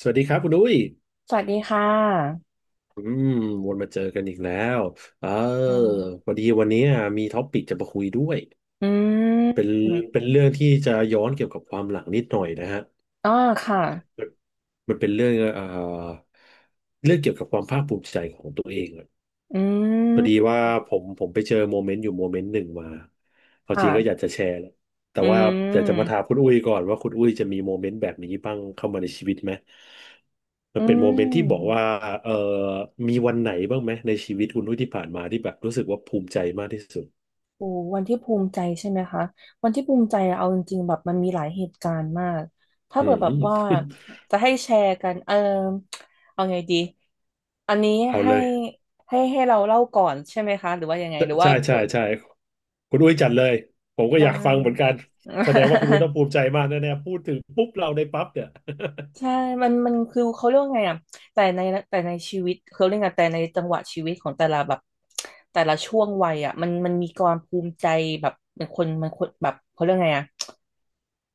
สวัสดีครับคุณดุ้ยสวัสดีค่ะอืมวนมาเจอกันอีกแล้วเอออ่พาอดีวันนี้มีท็อปปิกจะมาคุยด้วยอืเป็นมเป็นเรื่องที่จะย้อนเกี่ยวกับความหลังนิดหน่อยนะฮะอ๋อค่ะมันเป็นเรื่องเรื่องเกี่ยวกับความภาคภูมิใจของตัวเอง อืพอดีมว่าผมไปเจอโมเมนต์อยู่โมเมนต์หนึ่งมาเอาจริงก็อยากค่ะจะแชร์แหละแต่อืว่าอยากจะมาถามมคุณอุ้ยก่อนว่าคุณอุ้ยจะมีโมเมนต์แบบนี้บ้างเข้ามาในชีวิตไหมมัอืนเป็นโมเมนต์ที่บอกมว่าเออมีวันไหนบ้างไหมในชีวิตคุณอุ้ยที่ผ่านมาที่แบบรู้สึกว่าภูมิใจมากที่สุดโอ้วันที่ภูมิใจใช่ไหมคะวันที่ภูมิใจอะเอาจริงๆแบบมันมีหลายเหตุการณ์มาก ถ้าอืเกิดแบบว่าม จะให้แชร์กัน เออเอาไงดี อันนี้ เอาให้เลยให้เราเล่าก่อนใช่ไหมคะ หรือว่ายังไงหรือว่าใช่ใช่ใช่คุณอุ้ยจัดเลยผมก็อได้ ยากฟังเหมือนกันแสดงว่าคุณอุ้ยต้ องภูมิใจมากแน่ๆพูดถึงปุ๊บเราในปั๊บเนี่ย ใช่มันคือเขาเรียกว่าไงอ่ะแต่ในแต่ในชีวิตเขาเรียกไง แต่ในจังหวะชีวิตของแต่ละแบบแต่ละช่วงวัยอ่ะมันมีความภูมิใจแบบเป็นคนมันคนแบบเขาเรียกไงอ่ะ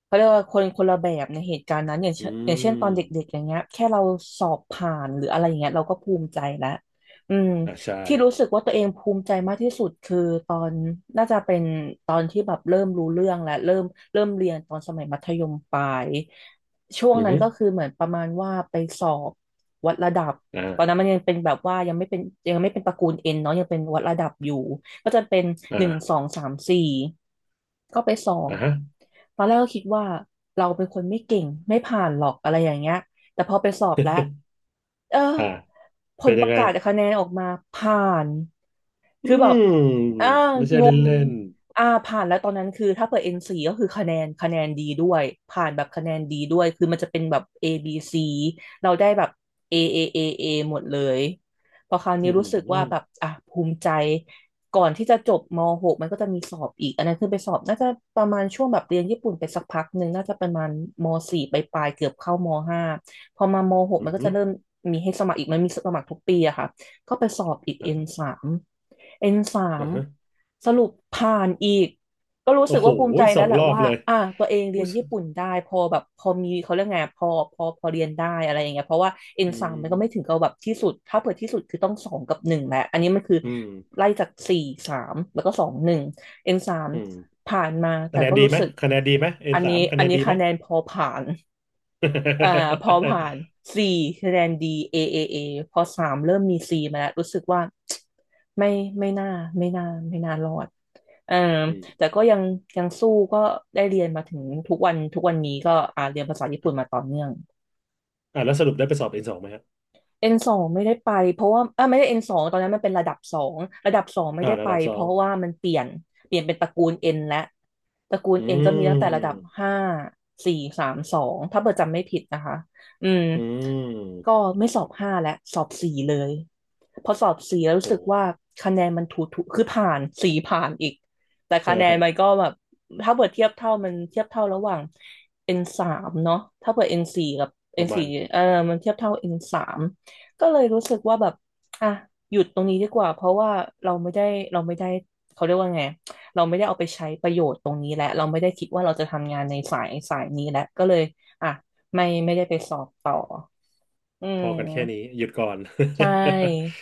เขาเรียกว่าคนคนละแบบในเหตุการณ์นั้นอย่างเช่อืนอย่างเช่นตอมนเด็กๆอย่างเงี้ยแค่เราสอบผ่านหรืออะไรอย่างเงี้ยเราก็ภูมิใจแล้วอืมอ่าใช่ที่รู้สึกว่าตัวเองภูมิใจมากที่สุดคือตอนน่าจะเป็นตอนที่แบบเริ่มรู้เรื่องและเริ่มเรียนตอนสมัยมัธยมปลายช่วงอือนั้นฮึก็คือเหมือนประมาณว่าไปสอบวัดระดับตอนนั้นมัอ่า นยังเป็นแบบว่ายังไม่เป็นตระกูลเอ็นเนาะยังเป็นวัดระดับอยู่ ก็จะเป็นหนึ่งสอ่าองสามสี่ก็ไปสอบอ่าฮะตอนแรกก็คิดว่าเราเป็นคนไม่เก่งไม่ผ่านหรอกอะไรอย่างเงี้ยแต่พอไปสอบแล้วเอออ่าผเป็ลนปยังระไง กาศคะแนนออกมาผ่าน อืคือแบมบอ่าไม่ใช่งเล่นงเล่นผ่านแล้วตอนนั้นคือถ้าเปิด N4 ก็คือคะแนนดีด้วย ผ่านแบบคะแนนดีด้วย คือมันจะเป็นแบบ A B C เราได้แบบ A A A A หมดเลย พอคราวนี้อือรู้หือสึกอว่าแบบ อ่ะ ภูมิใจก่อนที่จะจบม .6 มันก็จะมีสอบอีก อันนั้นคือไปสอบน่าจะประมาณช่วงแบบเรียนญี่ปุ่นไปสักพักหนึ่งน่าจะประมาณม .4 ปลายๆเกือบเข้ามห้าพอมามหกืมัอนก็หืจะอเริ่มมีให้สมัครอีกมันมีสมัครทุกปีอะค่ะ ก็ไปสอบอีก N อ่าสาม N สามอ่าฮะสรุปผ่านอีกก็รู้สึโอ้กโหว่าภูมิใจสแล้อวงแหละรอบว่าเลยอ่ะตัวเองเรีอุ๊ยนยญี่ปุ่นได้พอแบบพอมีเขาเรียกไงพอเรียนได้อะไรอย่างเงี้ยเพราะว่า N อืสามมันก็ไม่ถึงมกับแบบที่สุดถ้าเผื่อที่สุดคือต้องสองกับหนึ่งแหละอันนี้มันคืออืมไล่จากสี่สามแล้วก็สองหนึ่ง N สามอืมผ่านมาแต่คะแนนก็ดีรู้ไหมสึกคะแนนดีไหม เอ็อันนสานี้มคะอัแนนนนี้ดีไหม คะแนนพอผ่าน อ่าพอผ่าน C คะแนน D A A A พอสามเริ่มมี C มาแล้วรู้สึกว่า ไม่ไม่น่าไม่น่าไม่น่ารอดเอออืมแต่ก็ยังยังสู้ก็ได้เรียนมาถึงทุกวันนี้ก็เรียนภาษาญี่ปุ่นมาต่อเนื่อง อ่าแล้วสรุปได้ไปสอบN2ไหมฮะ N สองไม่ได้ไปเพราะว่าไม่ได้ N สองตอนนั้นมันเป็นระดับสองระดับสองไม่อ่าได้ระไปดับสเพองราะว่ามันเปลี่ยนเปลี่ยนเป็นตระกูล N และตระกูล อื N ก็มีตั้งแต่ระดับมห้าสี่สามสองถ้าเบอร์จำไม่ผิดนะคะอืมอืก็มไม่สอบห้าแล้วสอบสี่เลยพอสอบสี่แล้วรู้สึกโหว่าคะแนนมันถูถูคือผ่านสี่ผ่านอีกแต่เอคะแนอนมันก็แบบถ้าเปิดเทียบเท่ามันเทียบเท่าระหว่างเอ็นสามเนาะถ้าเปิดเอ็นสี่กับปเอ็นระมาสี่ณเออมันเทียบเท่าเอ็นสาม ก็เลยรู้สึกว่าแบบอ่ะหยุดตรงนี้ดีกว่า เพราะว่าเราไม่ได้เราไม่ได้ เขาเรียกว่าไง เราไม่ได้เอาไปใช้ประโยชน์ตรงนี้และเราไม่ได้คิดว่าเราจะทำงานในสายนี้แล้ว ก็เลยอ่ะไม่ได้ไปสอบต่ออืพอกันแค่นี้มหยุดก่อน ใช ่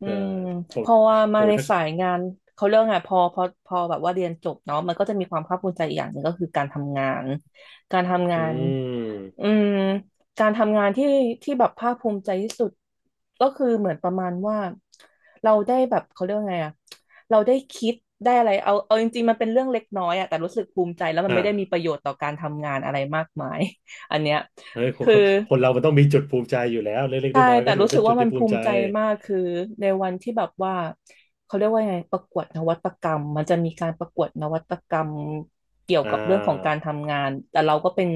อืเออมผเพมอว่ามาโอ้ยในถ้า สายงานเขาเรื่องไงพอแบบว่าเรียนจบเนาะมันก็จะมีความภาคภูมิใจอีกอย่างหนึ่งก็คือการทำงานการทำงาอืนอืมมการทำงานที่ที่แบบภาคภูมิใจที่สุดก็คือเหมือนประมาณว่าเราได้แบบเขาเรียกว่าไงอะเราได้คิดได้อะไรเอาจริงๆมันเป็นเรื่องเล็กน้อยอะแต่รู้สึกภูมิใจแล้วมันไม่ได้มีปอ่าระโยชน์ต่อการทำงานอะไรมากมายอันเนี้ยเฮ้ย คนคือ คนเรามันต้องมีจุดภูมิใจอยู่แล้วเล็กๆใช่น้อยๆแต่ก็ถือรู้ว่าสึเป็กนจุว่าดมัที่นภูภูมิใจมิใจมากคือในวันที่แบบว่าเขาเรียกว่าไงประกวดนวัตกรรมมันจะมีการประกวดนวัตกรรมเกี่ยวอ่กับเรื่องของการาทำงานแต่เราก็เป็น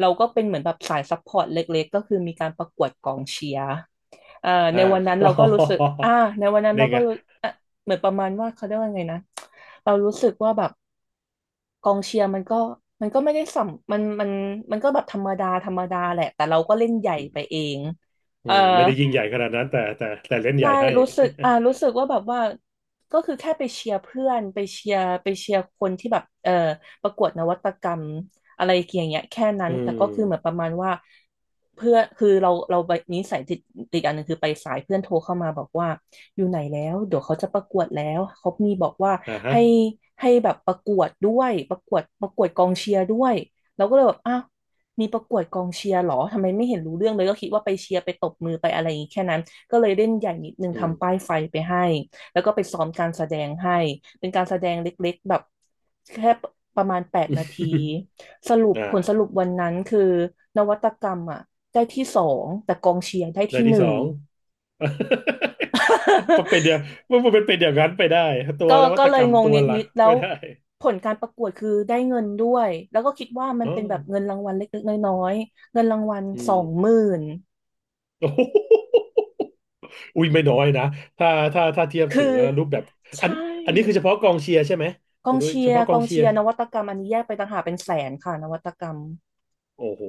เราก็เป็นเหมือนแบบสายซัพพอร์ตเล็กๆก็คือมีการประกวดกองเชียร์เอ่ออ่า ในวันนั้น ก็เราก็รู้สึกในวันนั้นเรานี่ก็ไงรู้อ่ะเหมือนประมาณว่าเขาเรียกว่าไงนะเรารู้สึกว่าแบบกองเชียร์มันก็ไม่ได้สัมมันมันก็แบบธรรมดาธรรมดาแหละแต่เราก็เล่นใหญ่อืไปมเองอืเออ มไม่ได้ยิ่งใหญ่ขนาดนั้นแต่เล่นใหใช่ญ่ให้ รู้สึกรู้สึกว่าแบบว่าก็คือแค่ไปเชียร์เพื่อนไปเชียร์คนที่แบบเออประกวดนวัตกรรมอะไรอย่างเงี้ยแค่นั้ นอืแต่ก็คือเหมือนปมระมาณว่าเพื่อคือเราไปนิสัยติดอันหนึ่งคือไปสายเพื่อนโทรเข้ามาบอกว่าอยู่ไหนแล้วเดี๋ยวเขาจะประกวดแล้วเขามีบอกว่าอ่าฮะให้ให้แบบประกวดด้วยประกวดกองเชียร์ด้วยเราก็เลยแบบอ้าวมีประกวดกองเชียร์เหรอทำไมไม่เห็นรู้เรื่องเลยก็คิดว่าไปเชียร์ไปตบมือไปอะไรอย่างงี้แค่นั้น ก็เลยเล่นใหญ่นิดนึงอืทำป้ามยไฟไปให้แล้วก็ไปซ้อมการแสดงให้เป็นการแสดงเล็กๆแบบแค่ประมาณ8 นาทีสรุปอ่าผลสรุปวันนั้นคือนวัตกรรมอ่ะได้ที่สองแต่กองเชียร์ได้เด้นที่หที่สนึ่อง ง มันเป็นเดียวมันเป็นเดียวกันไปได้ตั วก็นวัก็ตเลกรยรมงงตัวนหลัิกดๆแล้ไม่วได้ผลการประกวดคือได้เงินด้วยแล้วก็คิดว่ามันอ๋อเป็นแบบเงินรางวัลเล็กๆน้อยๆเงินรางวัลอืสอม ง หมื่นโอ้โห อุ้ยไม่น้อยนะถ้าถ้าเทียบคือถึงรูปแบบอัใช่ นอันนี้คือเฉพาะกองเชียร์ใช่ไหมกคุอณงด้วยเชีเฉยร์พาะกกอองงเชียเชีร์ยร์นวัตกรรมอันนี้แยกไปต่างหากเป็นแสนค่ะนวัตกรรมโอ้โห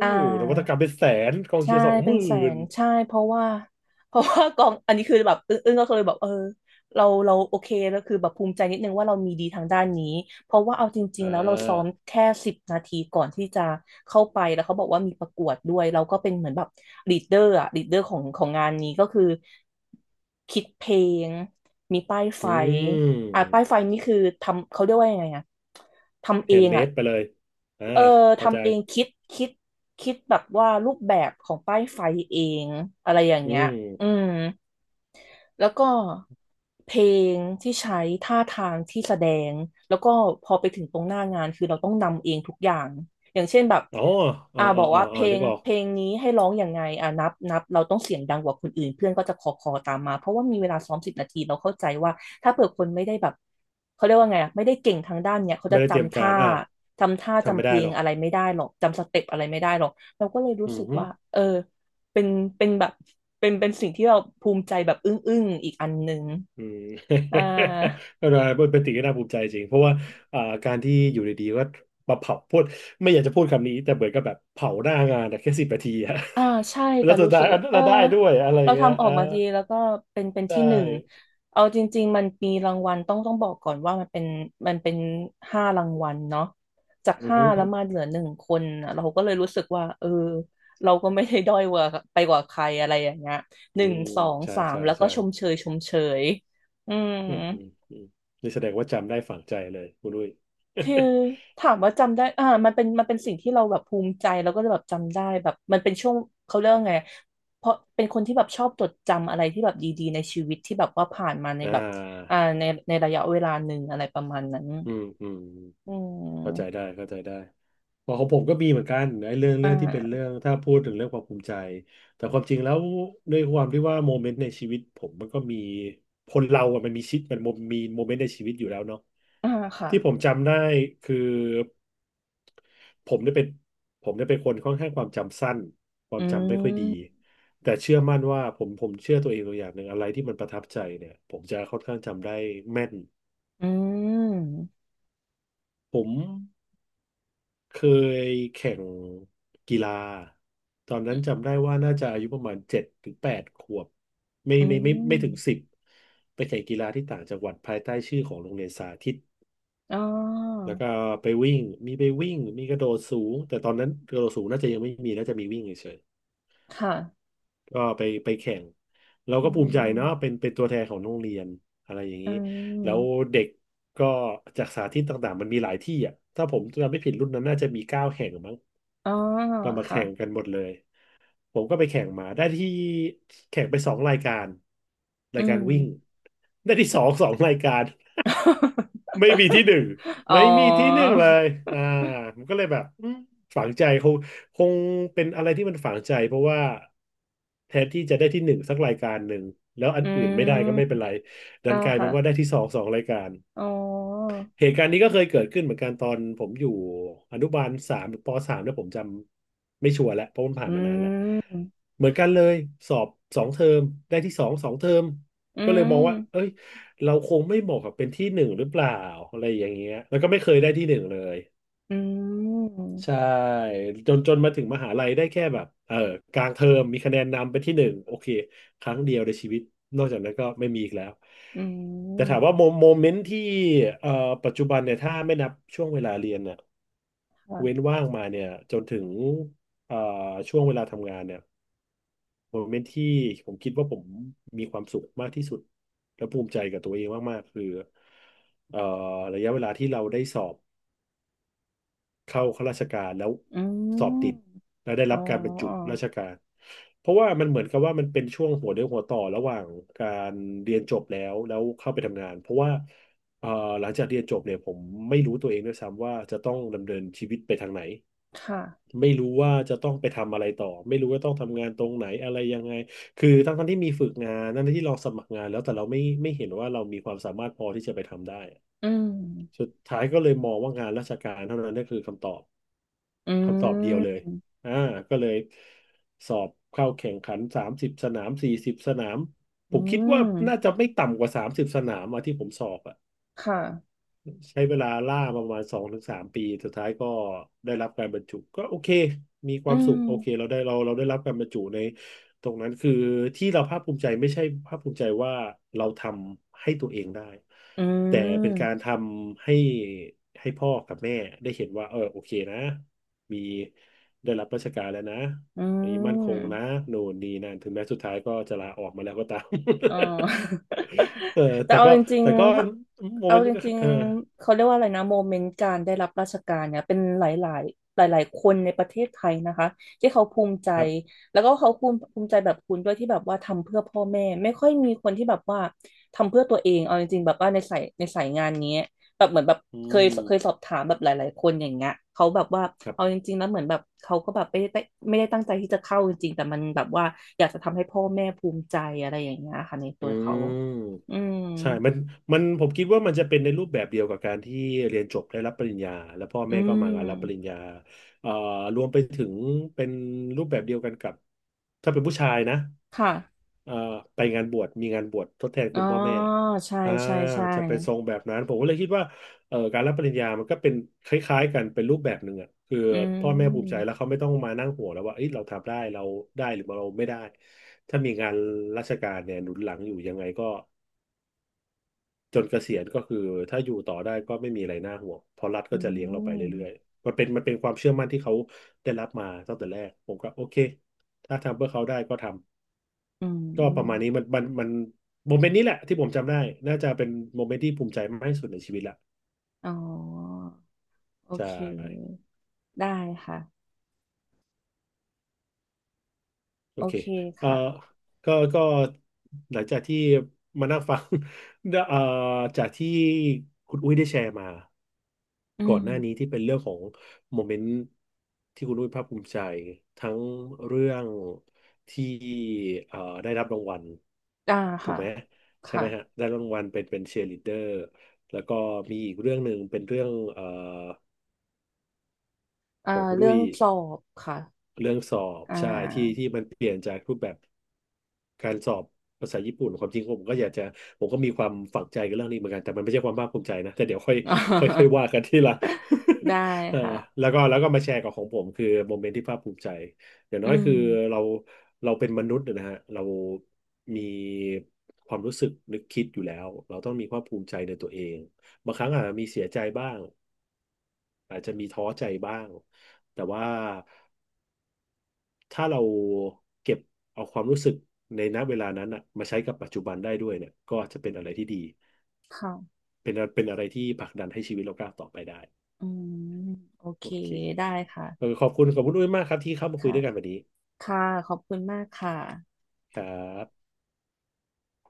อ่า นวัตกรรมเป็นแสนกองใช่เชียร์สองหเป็นมื่แสนนใช่เพราะว่า เพราะว่ากองอันนี้คือแบบอึ้งๆก็เลยแบบเออเราโอเคแล้วคือแบบภูมิใจนิดนึงว่าเรามีดีทางด้านนี้เพราะว่าเอาจริงอ่ๆแล้วเราซ้อมาแค่สิบนาทีก่อนที่จะเข้าไปแล้วเขาบอกว่ามีประกวดด้วยเราก็เป็นเหมือนแบบลีดเดอร์อะลีดเดอร์ของงานนี้ก็คือคิดเพลงมีป้ายไฟอือ่ะป้ายไฟมนี่คือทำเขาเรียกว่ายังไงอะทำแฮเอนด์งเมอะ ดไปเลยอ่าเออเข้าใจทำเองคิดคิดแบบว่ารูปแบบของป้ายไฟเองอะไรอย่างอืเงี้ยมอืม แล้วก็เพลงที่ใช้ท่าทางที่แสดงแล้วก็พอไปถึงตรงหน้างานคือเราต้องนำเองทุกอย่างอย่างเช่นแบบอ๋ออ่าอ่าบอ่าอกอ่าว่าเพอ่าลนึงกออกเพลงนี้ให้ร้องอย่างไงอ่านับเราต้องเสียงดังกว่าคนอื่นเพื่อนก็จะคอตามมาเพราะว่ามีเวลาซ้อมสิบนาทีเราเข้าใจว่าถ้าเผื่อคนไม่ได้แบบเขาเรียกว่าไงอ่ะไม่ได้เก่งทางด้านเนี้ยเขาไม่จะได้เตรียมจำกาท่ารอ่าจำท่าทำจำไม่เพได้ลหรงอกอะไรไม่ได้หรอกจำสเต็ปอะไรไม่ได้หรอกเราก็เลยรู้อืสึกว่าม เออ เป็นเป็นแบบเป็นสิ่งที่เราภูมิใจแบบอึ้งอึ้งอีกอันหนึ่งอืม อ่า ก็เป็นสิ่งที่น่าภูมิใจจริง เพราะว่าอ่าการที่อยู่ดีๆก็มาเผาพูดไม่อยากจะพูดคำนี้ แต่เหมือนกับแบบเผาหน้างานอะแค่10 นาทีอะ อ่าใช่ แล้แต่วสุดรู้ท้าสึยกอัว่านนั้นเออเราได้ด้วยอะไรเราเงี้ยทำออกอ่ามาดีแล้วก็เป็นได้ที่หนึ่งเอาจริงๆมันมีรางวัลต้องบอกก่อนว่ามันเป็นห้ารางวัลเนาะจากอือห้าหือแล้วมาเหลือหนึ่งคนน่ะเราก็เลยรู้สึกว่าเออเราก็ไม่ได้ด้อยกว่าไปกว่าใครอะไรอย่างเงี้ยหอืนึ่งมสองใช่สามใช่แล้วก็ใช่ชมเชยอืม อืมอืมอืมนี่แสดงว่าจำได้ฝังใจเลยคุณลุย คือถามว่าจำได้อ่า มันเป็นสิ่งที่เราแบบภูมิใจแล้วก็แบบจำได้แบบมันเป็นช่วงเขาเรียกว่าไงเพราะเป็นคนที่แบบชอบจดจำอะไรที่แบบดีๆในชีวิตที่แบบว่าผ่านมาใน อ่าแบบอ่าในในระยะเวลาหนึ่งอะไรประมาณนั้นอืมอืม อืเข้าใจมได้เข้าใจได้เพอของผมก็มีเหมือนกันไอ้เรื่องอ่เรื่องที่เป็นาเรื่องถ้าพูดถึงเรื่องความภูมิใจแต่ความจริงแล้วด้วยความที่ว่าโมเมนต์ในชีวิตผมมันก็มีคนเราอะมันมีชิดมันมีโมเมนต์ในชีวิตอยู่แล้วเนาะอ่าค่ะ ที่ผมจำได้คือผมเนี่ยเป็นผมเนี่ยเป็นคนค่อนข้างความจำสั้นควาอืมจำไม่ค่อยดีมแต่เชื่อมั่นว่าผมเชื่อตัวเองตัวอย่างหนึ่งอะไรที่มันประทับใจเนี่ยผมจะค่อนข้างจำได้แม่นอืมผม เคยแข่งกีฬาตอนนั้นจำได้ว่าน่าจะอายุประมาณ7 ถึง 8 ขวบไม่อืไม่ไม่ไม่ถึงสิมบไปแข่งกีฬาที่ต่างจังหวัดภายใต้ชื่อของโรงเรียนสาธิตอ๋อแล้วก็ไปวิ่งมีไปวิ่งมีกระโดดสูงแต่ตอนนั้นกระโดดสูงน่าจะยังไม่มีน่าจะมีวิ่งเฉยค่ะๆก็ไปแข่งเราอืก็ภูมิใจเนาะเป็มนเป็นตัวแทนของโรงเรียนอะไรอย่างอืนี้แล้วมเด็กก็จากสาธิตต่างๆมันมีหลายที่อ่ะถ้าผมจำไม่ผิดรุ่นนั้นน่าจะมี9 แห่งมั้ง อ๋อก็มาค่ะแข่งกันหมดเลย ผมก็ไปแข่งมาได้ที่แข่งไปสองรายการราอืยกาม รวิ่งได้ที่สองสองรายการ ไม่มีที่หนึ่งอ๋อไม่มีที่หนึ่งเลยอ่าผมก็เลยแบบอืมฝังใจคงเป็นอะไรที่มันฝังใจเพราะว่าแทนที่จะได้ที่หนึ่งสักรายการหนึ่งแล้วอัอืนอื่นไม่ได้ก็ไม่เป็มนไรดัอ่านกลายเป็ค่ะนว่าได้ที่สองสองรายการ อ๋อเหตุการณ์นี้ก็เคยเกิดขึ้นเหมือนกันตอนผมอยู่อนุบาลสามหรือปสามแล้วผมจำไม่ชัวร์แล้วเพราะมันผ่าอืนมานานแล้วมเหมือนกันเลยสอบสองเทอมได้ที่สองสองเทอมอืก็เลยมมองว่าเอ้ยเราคงไม่เหมาะกับเป็นที่หนึ่งหรือเปล่าอะไรอย่างเงี้ยแล้วก็ไม่เคยได้ที่หนึ่งเลย อืมใช่จนมาถึงมหาลัยได้แค่แบบกลางเทอมมีคะแนนนำเป็นที่หนึ่งโอเคครั้งเดียวในชีวิตนอกจากนั้นก็ไม่มีอีกแล้วอืแต่ถามว่าโมมโมเมนต์ที่เอ่อปัจจุบันเนี่ยถ้าไม่นับช่วงเวลาเรียนเนี่ยเว้นค่ะว่างมาเนี่ยจนถึงเอ่อช่วงเวลาทำงานเนี่ยโมเมนต์ที่ผมคิดว่าผมมีความสุขมากที่สุดและภูมิใจกับตัวเองมากๆคือเอ่อระยะเวลาที่เราได้สอบ เข้าข้าราชการแล้วอืสอบมติดแล้วได้อ๋อรับการบรรจุราชการเพราะว่ามันเหมือนกับว่ามันเป็นช่วงหัวเรี่ยวหัวต่อระหว่างการเรียนจบแล้วเข้าไปทำงานเพราะว่าเอ่อหลังจากเรียนจบเนี่ยผมไม่รู้ตัวเองด้วยซ้ำว่าจะต้องดำเนินชีวิตไปทางไหนค่ะไม่รู้ว่าจะต้องไปทำอะไรต่อไม่รู้ว่าต้องทำงานตรงไหนอะไรยังไงคือทั้งที่มีฝึกงานทั้งที่เราสมัครงานแล้วแต่เราไม่เห็นว่าเรามีความสามารถพอที่จะไปทำได้อืมสุดท้ายก็เลยมองว่างานราชการเท่านั้นนั่นคือคำตอบ อืคำตอบเดียวเลมย อ่าก็เลยสอบเข้าแข่งขันสามสิบสนาม40สนาม ผอืมคิดว่าน่ามจะไม่ต่ำกว่าสามสิบสนามอะที่ผมสอบอะ ค่ะใช้เวลาล่ามาประมาณ2 ถึง 3 ปีสุดท้ายก็ได้รับการบรรจุก็โอเคมีคอืวามสุมขโอเคเราได้เราได้รับการบรรจุในตรงนั้นคือที่เราภาคภูมิใจไม่ใช่ภาคภูมิใจว่าเราทำให้ตัวเองได้อืแต่เป็นกามรทำให้ให้พ่อกับแม่ได้เห็นว่าเออโอเคนะมีได้รับราชการแล้วนะอือันนี้มั่นคงนะม โน่นนี่นั่นถึงแม้สุดท้ายก็จะลาออกมาแล้วก็ตาม อ๋อ เออ แต่แต่เอาก็จริงแต่ก็ๆถ้าโมเอาเมนต์จริงเออ ๆเขาเรียกว่าอะไรนะโมเมนต์การได้รับราชการเนี่ยเป็นหลายๆหลายๆคนในประเทศไทยนะคะที่เขาภูมิใจครับแล้วก็เขาภูมิใจแบบคุณด้วยที่แบบว่าทำเพื่อพ่อแม่ไม่ค่อยมีคนที่แบบว่าทำเพื่อตัวเองเอาจริงๆแบบว่าในสายงานนี้ แบบเหมือนแบบอืเคยสอมบถามแบบหลายๆคนอย่างเงี้ยเขาแบบว่าครับเอาจริงๆแล้วเหมือนแบบเขาก็แบบไม่ได้ตั้งใจที่จะเข้าจริงๆแต่มันแบบว่าอยากจะทำให้พ่อแม่ภูมิใจอะไรอย่างเงี้ยค่ะในตัอืวเขา ม อืมใช่มันผมคิดว่ามันจะเป็นในรูปแบบเดียวกับการที่เรียนจบได้รับปริญญาแล้วพ่ออืแม่ก็มมางานรับปริญญาเอ่อรวมไปถึงเป็นรูปแบบเดียวกันกับถ้าเป็นผู้ชายนะค่ะเอ่อไปงานบวชมีงานบวชทดแทนอ๋คุอณพ่อแม่ใช่อ่าใช่ใช่จะเป็นทรงแบบนั้นผมก็เลยคิดว่าการรับปริญญามันก็เป็นคล้ายๆกันเป็นรูปแบบหนึ่งอ่ะคืออืพ่อแม่ภูมิใจมแล้วเขาไม่ต้องมานั่งห่วงแล้วว่าเอ้ยเราทำได้เราได้หรือเราไม่ได้ถ้ามีงานราชการเนี่ยหนุนหลังอยู่ยังไงก็ จนเกษียณก็คือถ้าอยู่ต่อได้ก็ไม่มีอะไรน่าห่วงเพราะรัฐอืก็จะเลี้ยงเราไปเรื่มอยๆมันเป็นความเชื่อมั่นที่เขาได้รับมาตั้งแต่แรกผมก็โอเคถ้าทำเพื่อเขาได้ก็ทำอืก็ประมาณมนี้มันโมเมนต์นี้แหละที่ผมจำได้น่าจะเป็นโมเมนต์ที่ภูมิใจมากที่สุดในชีวิตละอ๋อโอใช่ เค ได้ค่ะ โอโอเคเคเอ่อค่ะ ก็หลังจากที่มานั่งฟัง เอ่อจากที่คุณอุ้ยได้แชร์มาอืก่อมนหน้านี้ที่เป็นเรื่องของโมเมนต์ที่คุณอุ้ยภาคภูมิใจทั้งเรื่องที่เอ่อได้รับรางวัลได้ถูค่ะกไหมใช่ค่ะไหมฮะได้รางวัลเป็นเชียร์ลีดเดอร์แล้วก็มีอีกเรื่องหนึ่งเป็นเรื่องอ่าของคุณเรื่ออุ้งยสอบค่ะ เรื่องสอบอ่า ใช่ที่มันเปลี่ยนจากรูปแบบ การสอบภาษาญี่ปุ่นความจริงผมก็อยากจะผมก็มีความฝังใจกับเรื่องนี้เหมือนกันแต่มันไม่ใช่ความภาคภูมิใจนะแต่เดี๋ยวค่อย ค่อยค่อย ว่ากันทีหละ ได้ เออค่ะแล้วก็มาแชร์กับของผมคือโมเมนต์ที่ภาคภูมิใจอย่างอืน้อยคือเรามเป็นมนุษย์นะฮะเรามีความรู้สึกนึกคิดอยู่แล้วเราต้องมีความภูมิใจในตัวเองบางครั้งอาจจะมีเสียใจบ้างอาจจะมีท้อใจบ้างแต่ว่า ถ้าเราเก็บเอาความรู้สึกในณเวลานั้นอะมาใช้กับปัจจุบันได้ด้วยเนี่ยก็จะเป็นอะไรที่ดีค่ะเป็นอะไรที่ผลักดันให้ชีวิตเราก้าวต่อไปได้อืมโอเคโอเคได้ค่ะเออขอบคุณด้วยมากครับที่เข้ามาคุยค่ะด้วยกันวันนี้ค่ะขอบคุณมากค่ะครับ